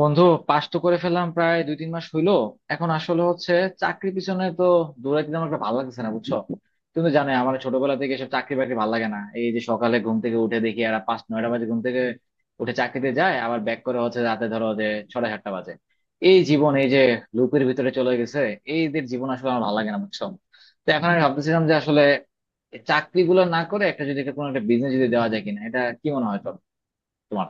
বন্ধু, পাস তো করে ফেললাম প্রায় 2-3 মাস হইলো। এখন আসলে হচ্ছে চাকরি পিছনে তো দৌড়াইতে আমার একটা ভালো লাগতেছে না, বুঝছো? তুমি তো জানো আমার ছোটবেলা থেকে এসব চাকরি বাকরি ভালো লাগে না। এই যে সকালে ঘুম থেকে উঠে দেখি আর পাঁচ নয়টা বাজে, ঘুম থেকে উঠে চাকরিতে যায়, আবার ব্যাক করে হচ্ছে রাতে ধরো যে ছটা সাতটা বাজে। এই জীবন এই যে লুপের ভিতরে চলে গেছে, এইদের জীবন আসলে আমার ভালো লাগে না, বুঝছো? তো এখন আমি ভাবতেছিলাম যে আসলে চাকরি গুলো না করে একটা যদি একটা কোনো একটা বিজনেস যদি দেওয়া যায় কিনা, এটা কি মনে হয় তোমার?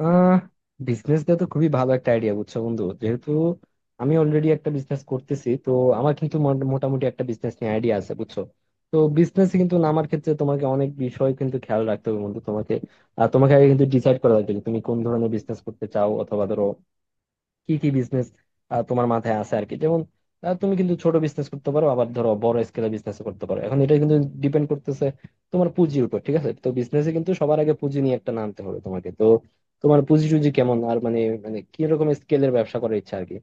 আহ বিজনেস দেওয়া তো খুবই ভালো একটা আইডিয়া, বুঝছো বন্ধু? যেহেতু আমি অলরেডি একটা বিজনেস করতেছি, তো আমার কিন্তু মোটামুটি একটা বিজনেস নিয়ে আইডিয়া আছে, বুঝছো। তো বিজনেস কিন্তু নামার ক্ষেত্রে তোমাকে অনেক বিষয় কিন্তু খেয়াল রাখতে হবে বন্ধু, তোমাকে আর তোমাকে আগে কিন্তু ডিসাইড করা লাগবে যে তুমি কোন ধরনের বিজনেস করতে চাও। অথবা ধরো কি কি বিজনেস তোমার মাথায় আছে আর কি। যেমন তুমি কিন্তু ছোট বিজনেস করতে পারো, আবার ধরো বড় স্কেলে বিজনেস করতে পারো। এখন এটা কিন্তু ডিপেন্ড করতেছে তোমার পুঁজির উপর, ঠিক আছে। তো বিজনেসে কিন্তু সবার আগে পুঁজি নিয়ে একটা নামতে হবে তোমাকে। তো তোমার পুঁজি টুজি কেমন, আর মানে মানে কি রকম স্কেলের ব্যবসা করার ইচ্ছা আর কি।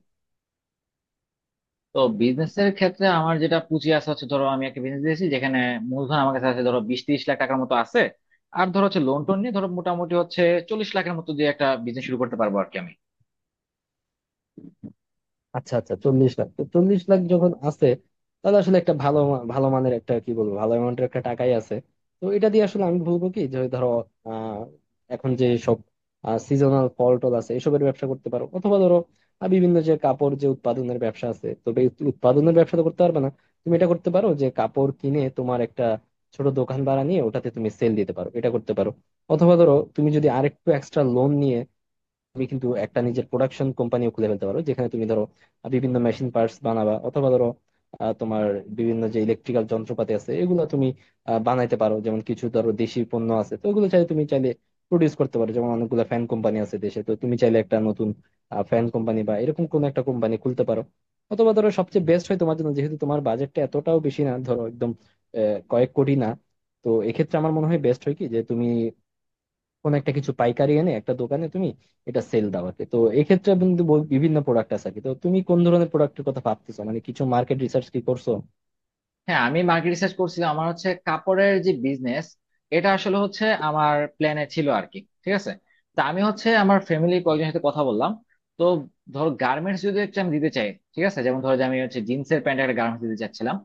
তো বিজনেসের ক্ষেত্রে আমার যেটা পুঁজি আছে হচ্ছে, ধরো আমি একটা বিজনেস দিয়েছি যেখানে মূলধন আমার কাছে আছে ধরো 20-30 লাখ টাকার মতো আছে। আর ধরো হচ্ছে লোন টোন নিয়ে ধরো মোটামুটি হচ্ছে 40 লাখের মতো দিয়ে একটা বিজনেস শুরু করতে পারবো আর কি আমি। আচ্ছা আচ্ছা, 40 লাখ, তো 40 লাখ যখন আছে তাহলে আসলে একটা ভালো ভালো মানের একটা কি বলবো, ভালো অ্যামাউন্টের একটা টাকাই আছে। তো এটা দিয়ে আসলে আমি বলবো কি, যে ধরো আহ এখন যে সব সিজনাল ফল টল আছে এসবের ব্যবসা করতে পারো। অথবা ধরো বিভিন্ন যে কাপড় যে উৎপাদনের ব্যবসা আছে, তবে এই উৎপাদনের ব্যবসা তো করতে পারবে না তুমি। এটা করতে পারো যে কাপড় কিনে তোমার একটা ছোট দোকান ভাড়া নিয়ে ওটাতে তুমি সেল দিতে পারো, এটা করতে পারো। অথবা ধরো তুমি যদি আরেকটু এক্সট্রা লোন নিয়ে তুমি কিন্তু একটা নিজের প্রোডাকশন কোম্পানিও খুলে ফেলতে পারো, যেখানে তুমি ধরো বিভিন্ন মেশিন পার্টস বানাবা। অথবা ধরো তোমার বিভিন্ন যে ইলেকট্রিক্যাল যন্ত্রপাতি আছে এগুলো তুমি বানাইতে পারো। যেমন কিছু ধরো দেশি পণ্য আছে তো ওগুলো চাইলে তুমি চাইলে প্রডিউস করতে পারো। যেমন অনেকগুলো ফ্যান কোম্পানি আছে দেশে, তো তুমি চাইলে একটা নতুন ফ্যান কোম্পানি বা এরকম কোন একটা কোম্পানি খুলতে পারো। অথবা ধরো সবচেয়ে বেস্ট হয় তোমার জন্য, যেহেতু তোমার বাজেটটা এতটাও বেশি না, ধরো একদম কয়েক কোটি না। তো এক্ষেত্রে আমার মনে হয় বেস্ট হয় কি, যে তুমি কোন একটা কিছু পাইকারি এনে একটা দোকানে তুমি এটা সেল দাও আর কি। তো এক্ষেত্রে কিন্তু বিভিন্ন প্রোডাক্ট আছে আর কি। তো তুমি কোন ধরনের প্রোডাক্টের কথা ভাবতেছো, মানে কিছু মার্কেট রিসার্চ কি করছো? হ্যাঁ, আমি মার্কেট রিসার্চ করছিলাম। আমার হচ্ছে কাপড়ের যে বিজনেস এটা আসলে হচ্ছে আমার প্ল্যানে ছিল আর কি। ঠিক আছে, তা আমি হচ্ছে আমার ফ্যামিলি কয়েকজনের সাথে কথা বললাম। তো ধরো গার্মেন্টস যদি একটা আমি দিতে চাই, ঠিক আছে, যেমন ধরো যে আমি হচ্ছে জিন্সের প্যান্ট একটা গার্মেন্টস দিতে চাচ্ছিলাম।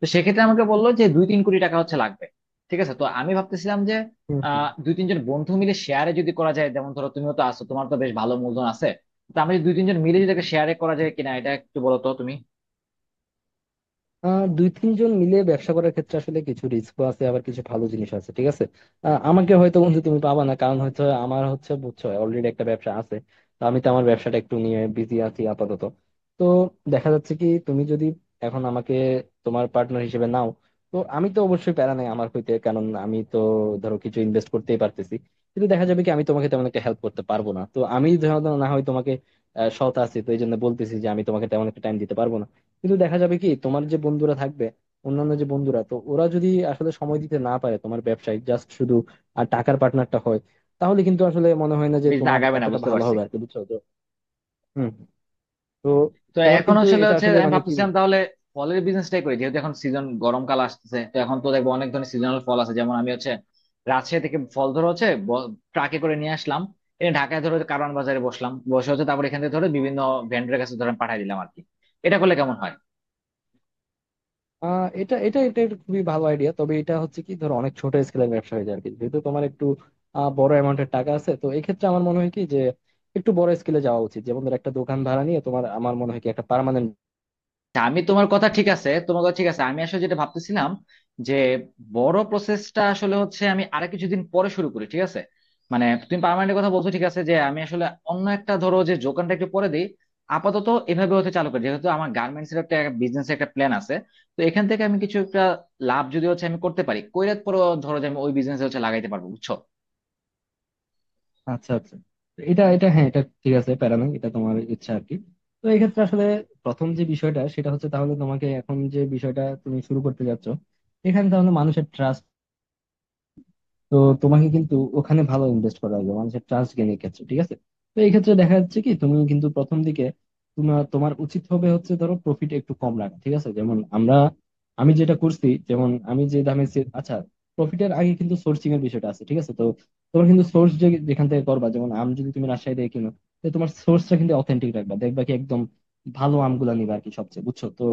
তো সেক্ষেত্রে আমাকে বললো যে 2-3 কোটি টাকা হচ্ছে লাগবে। ঠিক আছে, তো আমি ভাবতেছিলাম যে হুম, হুম। 2-3 জন বন্ধু মিলে শেয়ারে যদি করা যায়, যেমন ধরো তুমিও তো আছো, তোমার তো বেশ ভালো মূলধন আছে। তো আমি যদি 2-3 জন মিলে যদি একটা শেয়ারে করা যায় কিনা, এটা একটু বলো তো তুমি। দুই তিনজন মিলে ব্যবসা করার ক্ষেত্রে আসলে কিছু রিস্ক আছে, আবার কিছু ভালো জিনিস আছে, ঠিক আছে। আমাকে হয়তো বন্ধু তুমি পাবা না, কারণ হচ্ছে আমার হচ্ছে বুঝছো অলরেডি একটা ব্যবসা আছে। তো আমি তো আমার ব্যবসাটা একটু নিয়ে বিজি আছি আপাতত। তো দেখা যাচ্ছে কি, তুমি যদি এখন আমাকে তোমার পার্টনার হিসেবে নাও, তো আমি তো অবশ্যই প্যারা নাই আমার হইতে, কারণ আমি তো ধরো কিছু ইনভেস্ট করতেই পারতেছি। কিন্তু দেখা যাবে কি আমি তোমাকে তেমন একটা হেল্প করতে পারবো না, তো আমি ধরো না হয় তোমাকে সৎ আছি, তো এই জন্য বলতেছি যে আমি তোমাকে তেমন একটা টাইম দিতে পারবো না। কিন্তু দেখা যাবে কি, তোমার যে বন্ধুরা থাকবে অন্যান্য যে বন্ধুরা, তো ওরা যদি আসলে সময় দিতে না পারে তোমার ব্যবসায়, জাস্ট শুধু আর টাকার পার্টনারটা হয়, তাহলে কিন্তু আসলে মনে হয় না যে বেশ, দিন তোমার আগাবে না এতটা বুঝতে ভালো পারছি। হবে আর কি, বুঝছো তো। হম। তো তো তোমার এখন কিন্তু আসলে এটা হচ্ছে আসলে আমি মানে কি ভাবতেছিলাম বলবো। তাহলে ফলের বিজনেসটাই করি, যেহেতু এখন সিজন গরমকাল আসতেছে। তো এখন তো দেখবো অনেক ধরনের সিজনাল ফল আছে, যেমন আমি হচ্ছে রাজশাহী থেকে ফল ধরে হচ্ছে ট্রাকে করে নিয়ে আসলাম, এনে ঢাকায় ধরে কারওয়ান বাজারে বসলাম, বসে হচ্ছে তারপর এখান থেকে ধরে বিভিন্ন ভেন্ডরের কাছে ধরে পাঠিয়ে দিলাম আর কি। এটা করলে কেমন হয়? এটা এটা এটা একটা খুবই ভালো আইডিয়া, তবে এটা হচ্ছে কি ধরো অনেক ছোট স্কেলের ব্যবসা হয়ে যায় আর কি। যেহেতু তোমার একটু বড় অ্যামাউন্টের টাকা আছে, তো এই ক্ষেত্রে আমার মনে হয় কি যে একটু বড় স্কেলে যাওয়া উচিত। যেমন ধর একটা দোকান ভাড়া নিয়ে তোমার, আমার মনে হয় কি একটা পার্মানেন্ট। আচ্ছা, আমি তোমার কথা ঠিক আছে, আমি আসলে যেটা ভাবতেছিলাম যে বড় প্রসেসটা আসলে হচ্ছে আমি আরো কিছুদিন পরে শুরু করি, ঠিক আছে? মানে তুমি পার্মানেন্টের কথা বলছো, ঠিক আছে, যে আমি আসলে অন্য একটা ধরো যে যোগানটা একটু পরে দিই। আপাতত এভাবে হতে চালু করি, যেহেতু আমার গার্মেন্টস এর একটা বিজনেস একটা প্ল্যান আছে। তো এখান থেকে আমি কিছু একটা লাভ যদি হচ্ছে আমি করতে পারি কইরাত পরে ধরো যে আমি ওই বিজনেস হচ্ছে লাগাইতে পারবো, বুঝছো? আচ্ছা আচ্ছা, এটা এটা হ্যাঁ, এটা ঠিক আছে, প্যারা নাই, এটা তোমার ইচ্ছা আর কি। তো এক্ষেত্রে আসলে প্রথম যে বিষয়টা, সেটা হচ্ছে তাহলে তোমাকে এখন যে বিষয়টা তুমি শুরু করতে যাচ্ছ, এখানে তাহলে মানুষের ট্রাস্ট। তো তোমাকে কিন্তু ওখানে ভালো ইনভেস্ট করা লাগবে মানুষের ট্রাস্ট গেইনের ক্ষেত্রে, ঠিক আছে। তো এই ক্ষেত্রে দেখা যাচ্ছে কি, তুমি কিন্তু প্রথম দিকে তোমার তোমার উচিত হবে হচ্ছে ধরো প্রফিট একটু কম রাখা, ঠিক আছে। যেমন আমরা, আমি যেটা করছি, যেমন আমি যে দামে আচ্ছা, প্রফিটের আগে কিন্তু সোর্সিং এর বিষয়টা আছে, ঠিক আছে। তো তোমার কিন্তু সোর্স যে যেখান থেকে করবা, যেমন আম যদি তুমি রাজশাহী থেকে কিনো, তো তোমার সোর্সটা কিন্তু অথেন্টিক রাখবা, দেখবা কি একদম ভালো আমগুলা নিবা আর কি সবচেয়ে, বুঝছো তো।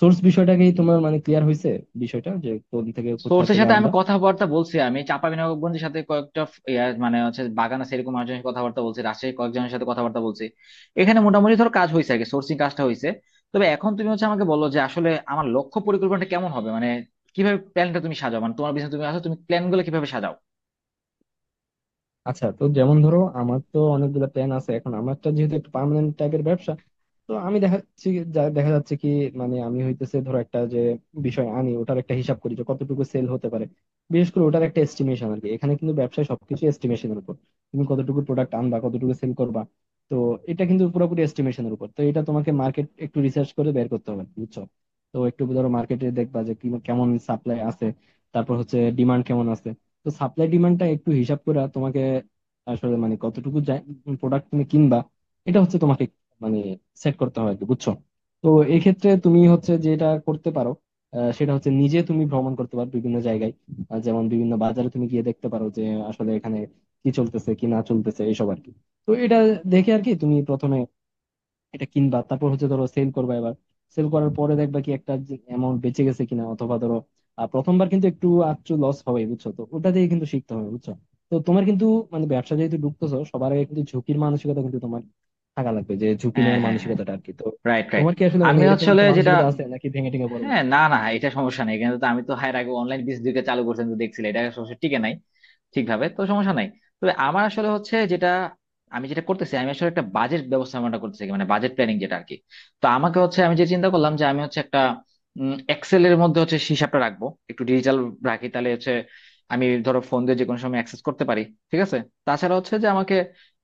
সোর্স বিষয়টাকেই তোমার মানে ক্লিয়ার হয়েছে, বিষয়টা যে কোন থেকে কোথা সোর্সের থেকে সাথে আমি আনবা। কথাবার্তা বলছি। আমি চাঁপাবিনগরগঞ্জের সাথে কয়েকটা ইয়া মানে হচ্ছে বাগান আছে এরকম মানুষজনের সাথে কথাবার্তা বলছি, রাজশাহী কয়েকজনের সাথে কথাবার্তা বলছি। এখানে মোটামুটি ধর কাজ হয়েছে, আগে সোর্সিং কাজটা হয়েছে। তবে এখন তুমি হচ্ছে আমাকে বলো যে আসলে আমার লক্ষ্য পরিকল্পনাটা কেমন হবে, মানে কিভাবে প্ল্যানটা তুমি সাজাও, মানে তোমার বিজনেস তুমি আসো, তুমি প্ল্যান গুলো কিভাবে সাজাও। আচ্ছা, তো যেমন ধরো আমার তো অনেকগুলো প্ল্যান আছে, এখন আমারটা যেহেতু একটা পার্মানেন্ট টাইপের ব্যবসা, তো আমি দেখা যাচ্ছে দেখা যাচ্ছে কি মানে আমি হইতেছে ধরো একটা যে বিষয় আনি, ওটার একটা হিসাব করি যে কতটুকু সেল হতে পারে, বিশেষ করে ওটার একটা এস্টিমেশন আর কি। এখানে কিন্তু ব্যবসায় সবকিছু এস্টিমেশনের উপর, তুমি কতটুকু প্রোডাক্ট আনবা কতটুকু সেল করবা। তো এটা কিন্তু পুরোপুরি এস্টিমেশনের উপর, তো এটা তোমাকে মার্কেট একটু রিসার্চ করে বের করতে হবে, বুঝছো। তো একটু ধরো মার্কেটে দেখবা যে কেমন সাপ্লাই আছে, তারপর হচ্ছে ডিমান্ড কেমন আছে। তো সাপ্লাই ডিমান্ডটা একটু হিসাব করে তোমাকে আসলে মানে কতটুকু প্রোডাক্ট তুমি কিনবা, এটা হচ্ছে তোমাকে মানে সেট করতে হয় আর কি, বুঝছো। তো এক্ষেত্রে তুমি হচ্ছে যেটা করতে পারো সেটা হচ্ছে নিজে তুমি ভ্রমণ করতে পারো বিভিন্ন জায়গায়। যেমন বিভিন্ন বাজারে তুমি গিয়ে দেখতে পারো যে আসলে এখানে কি চলতেছে কি না চলতেছে এইসব আর কি। তো এটা দেখে আর কি তুমি প্রথমে এটা কিনবা, তারপর হচ্ছে ধরো সেল করবা। এবার সেল করার পরে দেখবা কি একটা অ্যামাউন্ট বেঁচে গেছে কিনা। অথবা ধরো প্রথমবার কিন্তু একটু আচ্ছু লস হবে, বুঝছো, তো ওটা দিয়ে কিন্তু শিখতে হবে, বুঝছো। তো তোমার কিন্তু মানে ব্যবসা যেহেতু ঢুকতেছো, সবার আগে কিন্তু ঝুঁকির মানসিকতা কিন্তু তোমার থাকা লাগবে, যে ঝুঁকি হ্যাঁ, নেওয়ার হ্যাঁ, হ্যাঁ। মানসিকতাটা আর কি। তো রাইট, রাইট। তোমার কি আসলে মানে আমি এরকম আসলে একটা যেটা, মানসিকতা আছে নাকি ভেঙে টেঙে পড়বা? হ্যাঁ, না, না, এটা সমস্যা নেই কিন্তু। তো আমি তো এর আগে অনলাইন বিজনেস চালু করছেন, তো দেখছিলাম এটা সমস্যা টিকে নাই ঠিকভাবে, তো সমস্যা নাই। তবে আমার আসলে হচ্ছে যেটা আমি যেটা করতেছি, আমি আসলে একটা বাজেট ব্যবস্থাপনাটা করতেছি, মানে বাজেট প্ল্যানিং যেটা আর কি। তো আমাকে হচ্ছে আমি যে চিন্তা করলাম যে আমি হচ্ছে একটা এক্সেল এর মধ্যে হচ্ছে হিসাবটা রাখবো, একটু ডিজিটাল রাখি তাহলে হচ্ছে আমি ধরো ফোন দিয়ে যে কোনো সময় অ্যাক্সেস করতে পারি, ঠিক আছে। তাছাড়া হচ্ছে যে আমাকে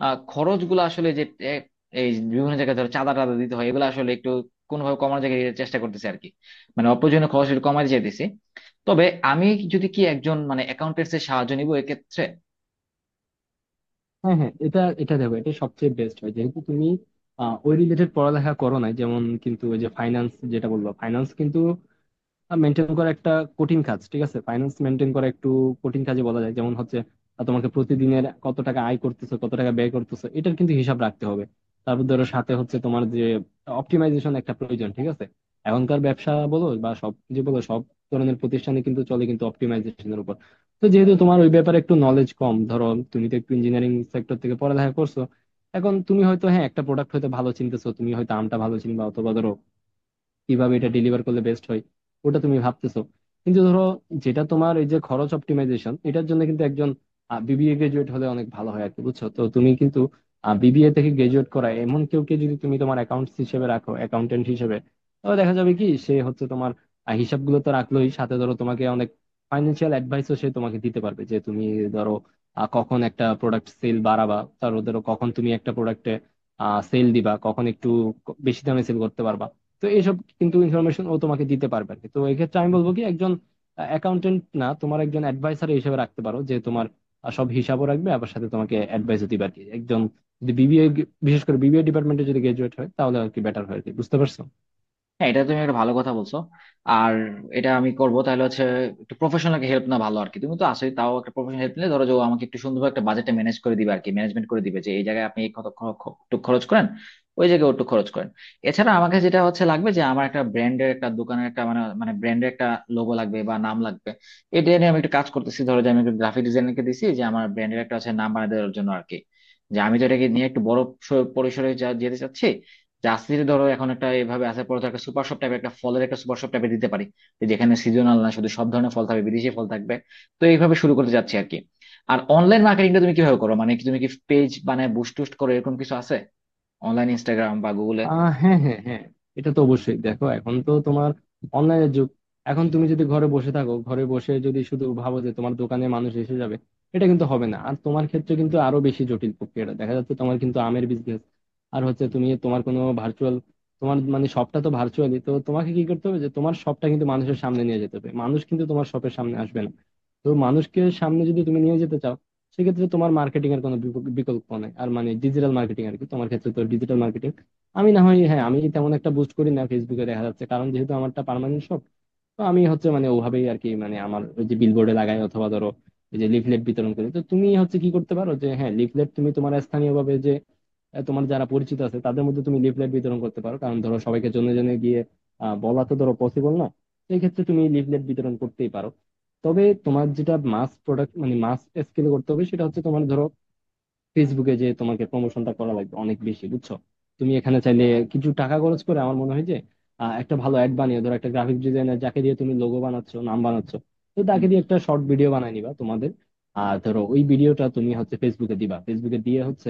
খরচগুলো আসলে যে এ, এই বিভিন্ন জায়গায় ধরো চাঁদা টাদা দিতে হয়, এগুলো আসলে একটু কোনোভাবে কমানোর জায়গায় চেষ্টা করতেছি আর কি। মানে অপ্রয়োজনীয় খরচ একটু কমাতে চাইতেছি। তবে আমি যদি কি একজন মানে অ্যাকাউন্টেন্টস এর সাহায্য নিব এক্ষেত্রে। হ্যাঁ হ্যাঁ, এটা এটা দেখো, এটা সবচেয়ে বেস্ট হয়। যেহেতু তুমি ওই রিলেটেড পড়ালেখা করো না, যেমন কিন্তু ওই যে ফাইন্যান্স যেটা বললো, ফাইন্যান্স কিন্তু মেনটেন করা একটা কঠিন কাজ, ঠিক আছে। ফাইন্যান্স মেনটেন করা একটু কঠিন কাজে বলা যায়। যেমন হচ্ছে তোমাকে প্রতিদিনের কত টাকা আয় করতেছো কত টাকা ব্যয় করতেছো এটার কিন্তু হিসাব রাখতে হবে। তারপর ধরো সাথে হচ্ছে তোমার যে অপটিমাইজেশন একটা প্রয়োজন, ঠিক আছে। এখনকার ব্যবসা বলো বা সব কিছু বলো, সব ধরনের প্রতিষ্ঠানে কিন্তু চলে কিন্তু অপটিমাইজেশনের উপর। তো যেহেতু তোমার ওই ব্যাপারে একটু নলেজ কম ধরো, তুমি তো একটু ইঞ্জিনিয়ারিং সেক্টর থেকে পড়ালেখা করছো, এখন তুমি হয়তো হ্যাঁ একটা প্রোডাক্ট হয়তো ভালো চিনতেছো, তুমি হয়তো আমটা ভালো চিনবা, অথবা ধরো কিভাবে এটা ডেলিভার করলে বেস্ট হয় ওটা তুমি ভাবতেছো। কিন্তু ধরো যেটা তোমার এই যে খরচ অপটিমাইজেশন, এটার জন্য কিন্তু একজন বিবিএ গ্রাজুয়েট হলে অনেক ভালো হয় আর কি, বুঝছো। তো তুমি কিন্তু বিবিএ থেকে গ্রাজুয়েট করা এমন কেউকে যদি তুমি তোমার অ্যাকাউন্টস হিসেবে রাখো, অ্যাকাউন্টেন্ট হিসেবে, তাহলে দেখা যাবে কি সে হচ্ছে তোমার হিসাবগুলো তো রাখলোই, সাথে ধরো তোমাকে অনেক ফাইন্যান্সিয়াল অ্যাডভাইসও সে তোমাকে দিতে পারবে। যে তুমি ধরো কখন একটা প্রোডাক্ট সেল বাড়াবা, তারপর ধরো কখন তুমি একটা প্রোডাক্টে সেল দিবা, কখন একটু বেশি দামে সেল করতে পারবা। তো এইসব কিন্তু ইনফরমেশন ও তোমাকে দিতে পারবে আর কি। তো এক্ষেত্রে আমি বলবো কি, একজন অ্যাকাউন্টেন্ট না, তোমার একজন অ্যাডভাইসার হিসেবে রাখতে পারো, যে তোমার সব হিসাবও রাখবে আবার সাথে তোমাকে অ্যাডভাইসও দিবে আর কি, একজন যদি বিবিএ, বিশেষ করে বিবিএ ডিপার্টমেন্টে যদি গ্রাজুয়েট হয়, তাহলে আর কি বেটার হয় আর কি, বুঝতে পারছো। হ্যাঁ, এটা তুমি একটা ভালো কথা বলছো। আর এটা আমি করব তাহলে হচ্ছে একটু প্রফেশনাল হেল্প না ভালো আর কি, তুমি তো আসোই তাও একটা প্রফেশনাল হেল্প নিলে, ধরো যে ও আমাকে একটু সুন্দরভাবে একটা বাজেটটা ম্যানেজ করে দিবে আর কি, ম্যানেজমেন্ট করে দিবে, যে এই জায়গায় আপনি এই কত একটু খরচ করেন, ওই জায়গায় ওটু খরচ করেন। এছাড়া আমাকে যেটা হচ্ছে লাগবে যে আমার একটা ব্র্যান্ডের একটা দোকানের একটা মানে মানে ব্র্যান্ডের একটা লোগো লাগবে বা নাম লাগবে। এটা নিয়ে আমি একটু কাজ করতেছি, ধরো যে আমি একটু গ্রাফিক ডিজাইনারকে দিছি যে আমার ব্র্যান্ডের একটা আছে নাম বানিয়ে দেওয়ার জন্য আর কি। যে আমি তো এটাকে নিয়ে একটু বড় পরিসরে যা যেতে চাচ্ছি। জার্সিতে ধরো এখন একটা এভাবে আসার পর তো একটা সুপার শপ টাইপের একটা ফলের একটা সুপার শপ টাইপের দিতে পারি, যে যেখানে সিজনাল না শুধু, সব ধরনের ফল থাকবে, বিদেশি ফল থাকবে। তো এইভাবে শুরু করতে যাচ্ছি আর কি। আর অনলাইন মার্কেটিংটা তুমি কিভাবে করো, মানে কি তুমি কি পেজ বানায় বুস্ট টুস্ট করো, এরকম কিছু আছে? অনলাইন ইনস্টাগ্রাম বা গুগলে? হ্যাঁ হ্যাঁ হ্যাঁ, এটা তো অবশ্যই। দেখো এখন তো তোমার অনলাইনের যুগ। এখন তুমি যদি ঘরে বসে থাকো, ঘরে বসে যদি শুধু ভাবো যে তোমার দোকানে মানুষ এসে যাবে, এটা কিন্তু হবে না। আর তোমার ক্ষেত্রে কিন্তু আরো বেশি জটিল প্রক্রিয়াটা দেখা যাচ্ছে, তোমার কিন্তু আমের বিজনেস। আর হচ্ছে তুমি তোমার কোনো ভার্চুয়াল, তোমার মানে শপটা তো ভার্চুয়ালি, তো তোমাকে কি করতে হবে যে তোমার শপটা কিন্তু মানুষের সামনে নিয়ে যেতে হবে, মানুষ কিন্তু তোমার শপের সামনে আসবে না। তো মানুষকে সামনে যদি তুমি নিয়ে যেতে চাও, সেক্ষেত্রে তোমার মার্কেটিং এর কোনো বিকল্প নেই, আর মানে ডিজিটাল মার্কেটিং আর কি তোমার ক্ষেত্রে। তো ডিজিটাল মার্কেটিং আমি না হয় হ্যাঁ আমি তেমন একটা বুস্ট করি না ফেসবুকে, দেখা যাচ্ছে কারণ যেহেতু আমারটা পার্মানেন্ট শপ, তো আমি হচ্ছে মানে ওভাবেই আর কি, মানে আমার ওই যে বিলবোর্ডে লাগাই, অথবা ধরো এই যে লিফলেট বিতরণ করি। তো তুমি হচ্ছে কি করতে পারো যে, হ্যাঁ লিফলেট তুমি তোমার স্থানীয় ভাবে যে তোমার যারা পরিচিত আছে তাদের মধ্যে তুমি লিফলেট বিতরণ করতে পারো, কারণ ধরো সবাইকে জনে জনে গিয়ে বলা তো ধরো পসিবল না। সেই ক্ষেত্রে তুমি লিফলেট বিতরণ করতেই পারো। তবে তোমার যেটা মাস প্রোডাক্ট, মানে মাস স্কেলে করতে হবে সেটা হচ্ছে তোমার ধরো ফেসবুকে যে তোমাকে প্রমোশনটা করা লাগবে অনেক বেশি, বুঝছো। তুমি এখানে চাইলে কিছু টাকা খরচ করে আমার মনে হয় যে একটা ভালো অ্যাড বানিয়ে, ধরো একটা গ্রাফিক ডিজাইনার যাকে দিয়ে তুমি লোগো বানাচ্ছ নাম বানাচ্ছ, তো তাকে দিয়ে হম। একটা শর্ট ভিডিও বানাই নিবা তোমাদের। আর ধরো ওই ভিডিওটা তুমি হচ্ছে ফেসবুকে দিবা। ফেসবুকে দিয়ে হচ্ছে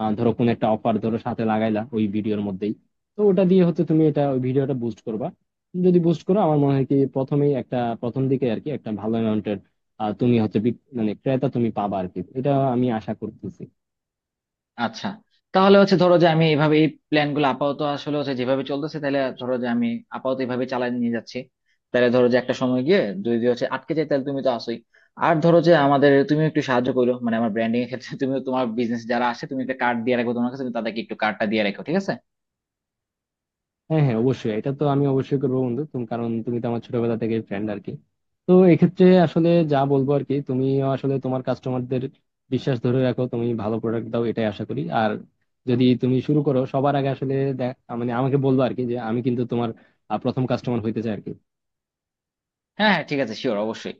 ধরো কোন একটা অফার ধরো সাথে লাগাইলা ওই ভিডিওর মধ্যেই। তো ওটা দিয়ে হচ্ছে তুমি এটা ওই ভিডিওটা বুস্ট করবা। যদি বুস্ট করো আমার মনে হয় কি প্রথমেই একটা, প্রথম দিকে আর কি, একটা ভালো অ্যামাউন্টের তুমি হচ্ছে মানে ক্রেতা তুমি পাবা আর কি, এটা আমি আশা করতেছি। আচ্ছা, তাহলে হচ্ছে ধরো যে আমি এইভাবে এই প্ল্যান গুলো আপাতত আসলে হচ্ছে যেভাবে চলতেছে, তাহলে ধরো যে আমি আপাতত এইভাবে চালাই নিয়ে যাচ্ছি। তাহলে ধরো যে একটা সময় গিয়ে যদি যদি হচ্ছে আটকে যায় তাহলে তুমি তো আসোই। আর ধরো যে আমাদের তুমি একটু সাহায্য করো, মানে আমার ব্র্যান্ডিং এর ক্ষেত্রে, তুমি তোমার বিজনেস যারা আছে তুমি একটা কার্ড দিয়ে রাখো তোমার কাছে, তুমি তাদেরকে একটু কার্ডটা দিয়ে রাখো, ঠিক আছে? হ্যাঁ হ্যাঁ অবশ্যই, এটা তো আমি অবশ্যই করবো বন্ধু তুমি, কারণ তুমি তো আমার ছোটবেলা থেকে ফ্রেন্ড আর কি। তো এক্ষেত্রে আসলে যা বলবো আর কি, তুমি আসলে তোমার কাস্টমারদের বিশ্বাস ধরে রাখো, তুমি ভালো প্রোডাক্ট দাও, এটাই আশা করি। আর যদি তুমি শুরু করো সবার আগে আসলে মানে আমাকে বলবো আর কি, যে আমি কিন্তু তোমার প্রথম কাস্টমার হইতে চাই আর কি। হ্যাঁ, হ্যাঁ, ঠিক আছে, শিওর অবশ্যই।